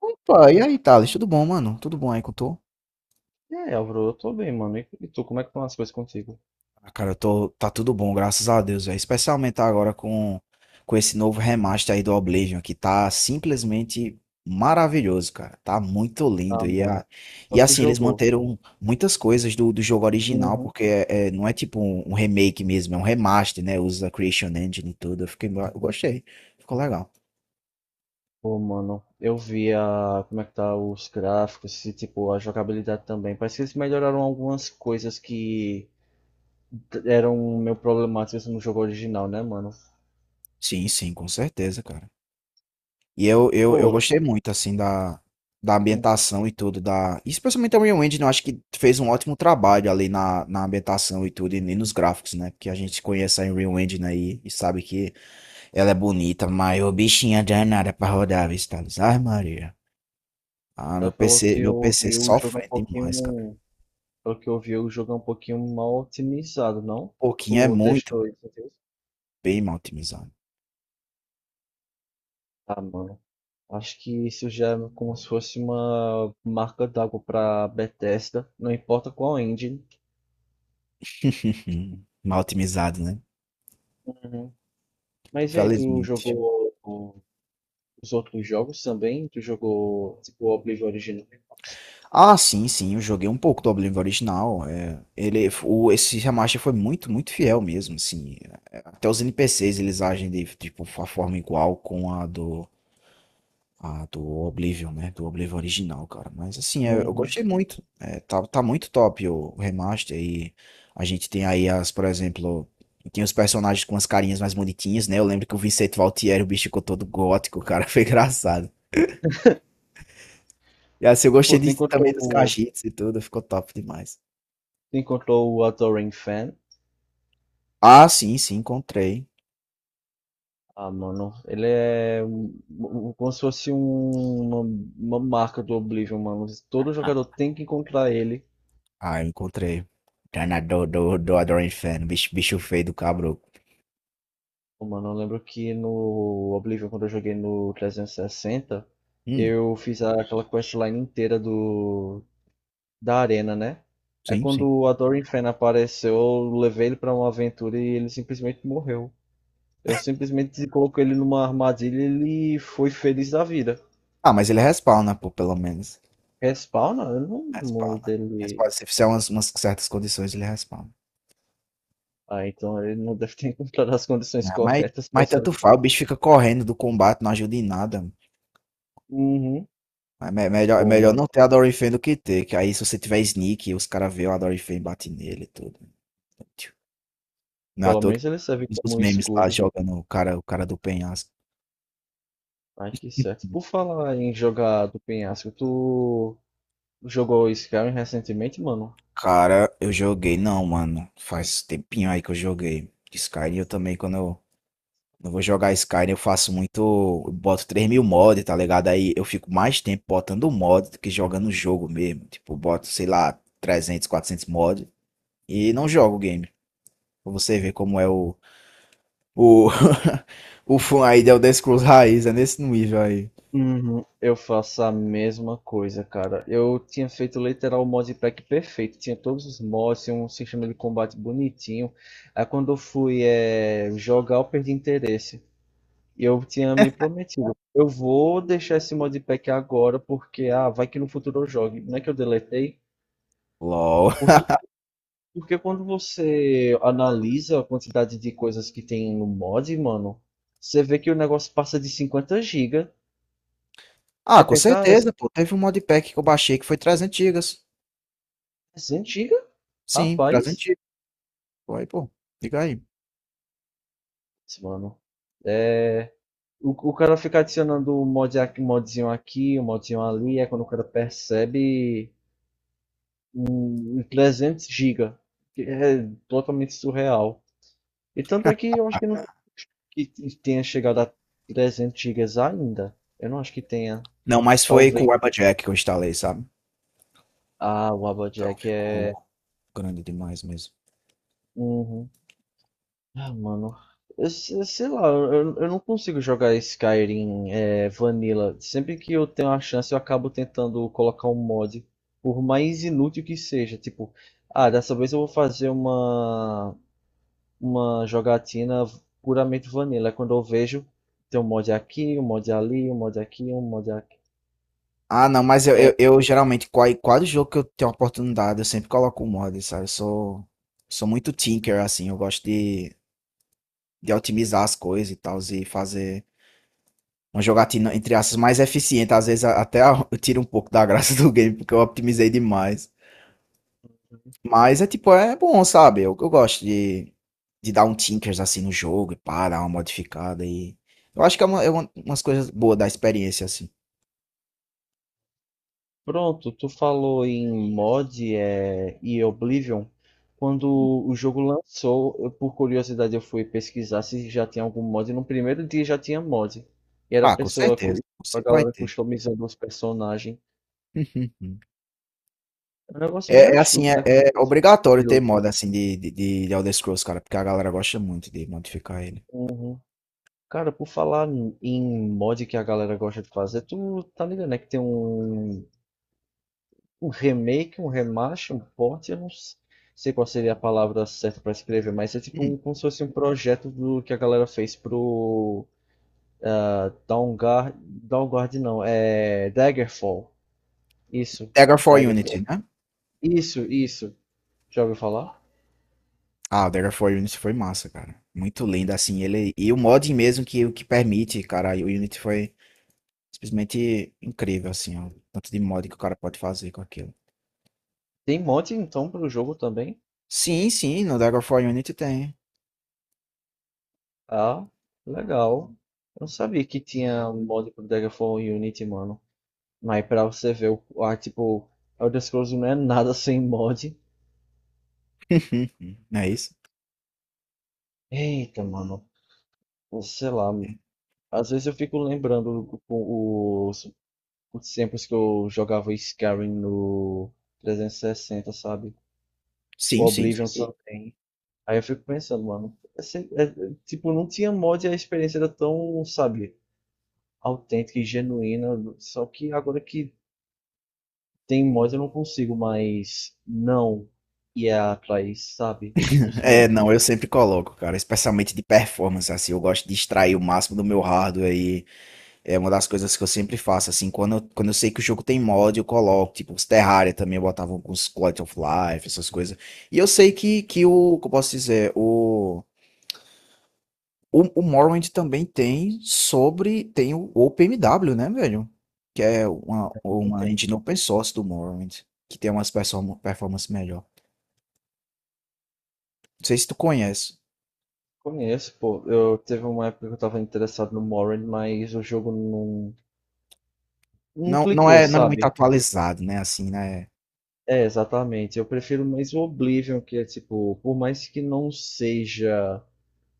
Opa, e aí, Thales? Tudo bom, mano? Tudo bom aí com tu? É, Álvaro, eu tô bem, mano. E tu, como é que estão as coisas contigo? Ah, cara, tá tudo bom, graças a Deus, velho. Especialmente agora com esse novo remaster aí do Oblivion, que tá simplesmente maravilhoso, cara. Tá muito lindo. Ah, E, mano. a, Então e tu assim, eles jogou. manteram muitas coisas do jogo original, Uhum. porque não é tipo um remake mesmo, é um remaster, né? Usa a Creation Engine e tudo. Eu gostei. Ficou legal. Pô, mano, eu vi a, como é que tá os gráficos e, tipo, a jogabilidade também. Parece que eles melhoraram algumas coisas que eram meio problemáticas no jogo original, né, mano? Sim, sim, com certeza, cara. E eu Pô, gostei muito, assim, da, da ambientação e tudo, da. Especialmente a Real Engine, eu acho que fez um ótimo trabalho ali na ambientação e tudo, e nem nos gráficos, né? Porque a gente conhece a Unreal Engine aí e sabe que ela é bonita, mas o bichinho é danada pra rodar, viu, Thales? Ai, Maria. Ah, ela meu falou que PC, meu eu PC vi o jogo um sofre demais, cara. pouquinho. Pelo que eu vi, o jogo é um pouquinho mal otimizado, não? Pouquinho é Tu muito testou isso? Entendeu? bem mal otimizado. Ah, mano. Acho que isso já é como se fosse uma marca d'água para Bethesda, não importa qual engine. Mal otimizado, né? Uhum. Mas e aí, tu Felizmente. jogou os outros jogos também? Tu jogou tipo, o Oblivion original? Ah, sim, sim, eu joguei um pouco do Oblivion original. Ele, o, esse remaster foi muito fiel mesmo, assim. Até os NPCs eles agem de tipo a forma igual com a do Oblivion, né? Do Oblivion original, cara. Mas assim, é, eu Uhum. gostei muito. Tá, tá muito top o remaster e a gente tem aí as, por exemplo, tem os personagens com as carinhas mais bonitinhas, né? Eu lembro que o Vicente Valtieri, o bicho ficou todo gótico, cara, foi engraçado. E assim, eu gostei Pô, de, também dos cachitos e tudo, ficou top demais. tu encontrou o Adoring Fan? Ah, sim, sim, encontrei. Ah, mano, ele é como se fosse uma marca do Oblivion, mano. Todo Ah, jogador tem que encontrar ele. ah, eu encontrei. Treinador do Adoran Inferno, bicho, bicho feio do cabro. Pô, mano, eu lembro que no Oblivion, quando eu joguei no 360, Hum, eu fiz aquela questline inteira do da arena, né? É sim, quando sim. o Adoring Fen apareceu, eu levei ele pra uma aventura e ele simplesmente morreu. Eu simplesmente coloquei ele numa armadilha e ele foi feliz da vida. Ah, mas ele respawna, pô, pelo menos. Respawna? Eu não lembro Respawna. dele. Respawna. Se fizer umas, umas certas condições, ele respawna. Ah, então ele não deve ter encontrado as condições Ah, corretas pra mas esse tanto respawn. faz, o bicho fica correndo do combate, não ajuda em nada. Uhum. Mas me- é Pô, melhor mano, não ter Adoring Fan do que ter, que aí se você tiver sneak, os caras veem o Adoring Fan e batem nele e tudo. Não é à pelo toa que menos ele serve os como um memes lá escudo. jogando o cara do penhasco. Ai, que certo. Por falar em jogar do penhasco, tu jogou Skyrim recentemente, mano? Cara, eu joguei, não, mano. Faz tempinho aí que eu joguei. Skyrim, eu também, quando eu vou jogar Skyrim, eu faço muito. Eu boto 3000 mods, tá ligado? Aí eu fico mais tempo botando mod do que jogando o jogo mesmo. Tipo, eu boto, sei lá, 300, 400 mods e não jogo o game. Pra você ver como é o. O, o fã aí de Elder Scrolls raiz, é nesse nível aí. Uhum, eu faço a mesma coisa, cara. Eu tinha feito literal o modpack perfeito, tinha todos os mods, tinha um sistema de combate bonitinho. Aí quando eu fui jogar, eu perdi interesse. E eu tinha me prometido, eu vou deixar esse modpack agora porque ah, vai que no futuro eu jogue. Não é que eu deletei, LOL. porque porque quando você analisa a quantidade de coisas que tem no mod, mano, você vê que o negócio passa de 50 gigas. Ah, Você com pensa, ah, certeza, pô. Teve um modpack que eu baixei que foi 300 gigas. é 100 giga? Sim, 300 Rapaz, gigas. Pô, aí, pô, liga aí. mano. É, o cara fica adicionando um mod, um modzinho aqui, um modzinho ali, é quando o cara percebe 300 gigas, que é totalmente surreal. E tanto é que eu acho que não que tenha chegado a 300 gigas ainda. Eu não acho que tenha. Não, mas foi com o Talvez. Warpajack que eu instalei, sabe? Ah, o Então Applejack é. ficou grande demais mesmo. Uhum. Ah, mano. Eu, se- sei lá, eu não consigo jogar Skyrim Vanilla. Sempre que eu tenho a chance, eu acabo tentando colocar um mod, por mais inútil que seja. Tipo, ah, dessa vez eu vou fazer uma jogatina puramente Vanilla. É quando eu vejo, tem um mod aqui, um mod ali, um mod aqui, um mod aqui. Ah, não, mas É, eu geralmente, qual- quase jogo que eu tenho oportunidade, eu sempre coloco o mod, sabe? Sou muito tinker, assim, eu gosto de otimizar as coisas e tal, e fazer uma jogatina, entre aspas, mais eficiente. Às vezes a- até a- eu tiro um pouco da graça do game, porque eu otimizei demais. Mas é tipo, é bom, sabe? Eu gosto de dar um tinkers assim no jogo e pá, dar uma modificada e. Eu acho que é uma- umas coisas boas da experiência, assim. Pronto, tu falou em mod e Oblivion. Quando o jogo lançou, eu, por curiosidade, eu fui pesquisar se já tinha algum mod. No primeiro dia já tinha mod. E era a Ah, com pessoa, certeza. a Sempre vai galera ter. customizando os personagens. É um negócio bem É, é assim, astuto, é, né? Como é pessoa. obrigatório ter moda assim de Elder Scrolls, cara, porque a galera gosta muito de modificar ele. Uhum. Cara, por falar em mod que a galera gosta de fazer, tu tá ligado, né? Que tem um um remake, um remaster, um port, eu não sei qual seria a palavra certa pra escrever, mas é tipo um, Hum, como se fosse um projeto do que a galera fez pro Downguard, Downguard não, é Daggerfall. Isso, Dagger for Unity, Daggerfall. né? Isso, isso. Já ouviu falar? Ah, o Dagger for Unity foi massa, cara. Muito lindo, assim, ele. E o mod mesmo que, o que permite, cara, o Unity foi simplesmente incrível, assim, ó. Tanto de mod que o cara pode fazer com aquilo. Tem mod então pro jogo também? Sim, sim, no Dagger for Unity tem. Ah, legal. Eu não sabia que tinha mod pro Daggerfall e Unity, mano. Mas pra você ver, o, ah, tipo, Elder Scrolls não é nada sem mod. Não é isso? Eita, mano. Sei lá, às vezes eu fico lembrando os, os tempos que eu jogava Skyrim no 360, sabe? O Sim. Oblivion. Sim. Só. Aí eu fico pensando, mano, tipo, não tinha mod e a experiência era tão, sabe, autêntica e genuína. Só que agora que tem mod eu não consigo mais não ir atrás, sabe? Os É, mods não, eu sempre coloco, cara, especialmente de performance, assim, eu gosto de extrair o máximo do meu hardware. É uma das coisas que eu sempre faço, assim, quando eu sei que o jogo tem mod, eu coloco, tipo, os Terraria também, eu botava alguns Quality of Life, essas coisas. E eu sei que o, que eu posso dizer, o Morrowind também tem sobre, tem o OpenMW, né, velho? Que é que não uma tem. engine open source do Morrowind, que tem umas perso- performance melhor. Não sei se tu conhece. Conheço, pô. Eu teve uma época que eu tava interessado no Morrowind, mas o jogo não, não Não, clicou, não é muito sabe? atualizado, né, assim, né? É, exatamente. Eu prefiro mais o Oblivion, que é tipo, por mais que não seja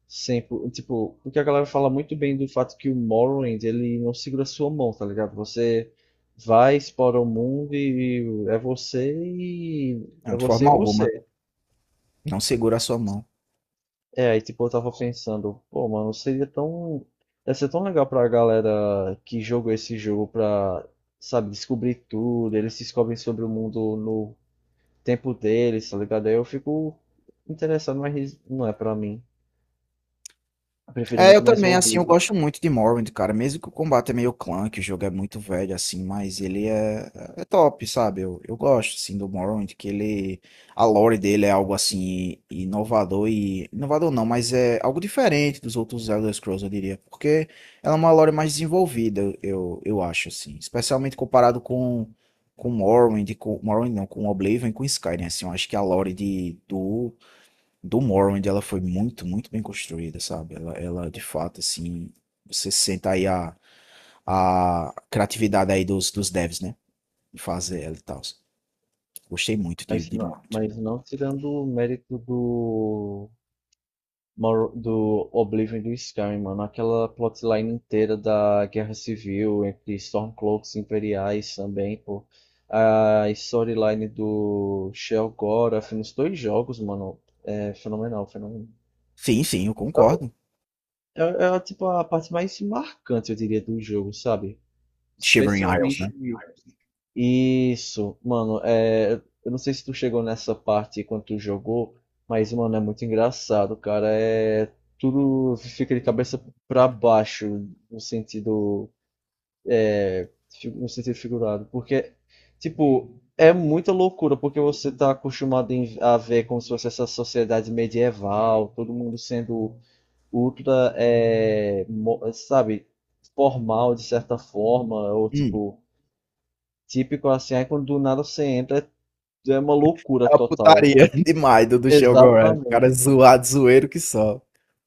sempre, tipo, porque a galera fala muito bem do fato que o Morrowind, ele não segura a sua mão, tá ligado? Você vai, explora o mundo e é você e é Não, de você e forma alguma, você. não segura a sua mão. É, aí tipo, eu tava pensando, pô, mano, seria tão ia ser tão legal pra galera que jogou esse jogo pra, sabe, descobrir tudo, eles descobrem sobre o mundo no tempo deles, tá ligado? Aí eu fico interessado, mas não é pra mim. Eu prefiro É, eu muito mais o também, assim, eu Oblivion. gosto muito de Morrowind, cara. Mesmo que o combate é meio clunky, o jogo é muito velho, assim, mas ele é, é top, sabe? Eu gosto, assim, do Morrowind, que ele. A lore dele é algo, assim, inovador e. Inovador não, mas é algo diferente dos outros Elder Scrolls, eu diria. Porque ela é uma lore mais desenvolvida, eu acho, assim. Especialmente comparado com. Com Morrowind, com. Morrowind não, com Oblivion e com Skyrim, assim. Eu acho que a lore do do Morrowind, ela foi muito bem construída, sabe? Ela de fato, assim, você sente aí a criatividade aí dos devs, né? De fazer ela e tal. Gostei muito de Morrowind. Mas não tirando o mérito do, do Oblivion e do Skyrim, mano. Aquela plotline inteira da Guerra Civil entre Stormcloaks e Imperiais também, pô. A storyline do Shel'Gorath nos dois jogos, mano, é fenomenal, fenomenal. Sim, sim, eu concordo. Tipo a parte mais marcante, eu diria, do jogo, sabe? Shivering Isles, né? Especialmente isso, mano, é, eu não sei se tu chegou nessa parte quando tu jogou, mas, mano, é muito engraçado, cara. É, tudo fica de cabeça pra baixo, no sentido, no sentido figurado. Porque, tipo, é muita loucura, porque você tá acostumado a ver como se fosse essa sociedade medieval, todo mundo sendo ultra, é, sabe, formal de certa forma, ou Hum, tipo, típico assim, aí quando do nada você entra é uma é loucura uma total. putaria demais do Shogun. Cara Exatamente. zoado, zoeiro que só.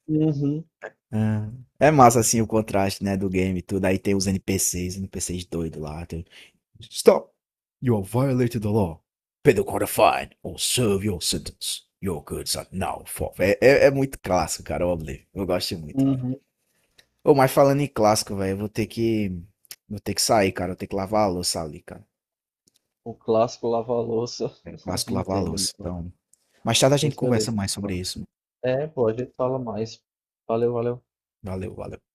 Uhum, Ah, é massa assim o contraste, né, do game e tudo. Aí tem os NPCs, NPCs doido lá. Stop! You have violated the law. Pay the quarter fine or serve your sentence. Your goods are now forfeit. É, é, é muito clássico, cara, o Oblivion. Eu gosto muito, velho. uhum. Ô, mas falando em clássico, velho, eu vou ter que. Vou ter que sair, cara. Eu tenho que lavar a louça ali, cara. O clássico lava-louça, É o a clássico gente lavar a entende, louça. mano. Então. Mais tarde a gente Pois conversa beleza. mais sobre Mano. isso. É, pô, a gente fala mais. Valeu, valeu. Valeu, valeu.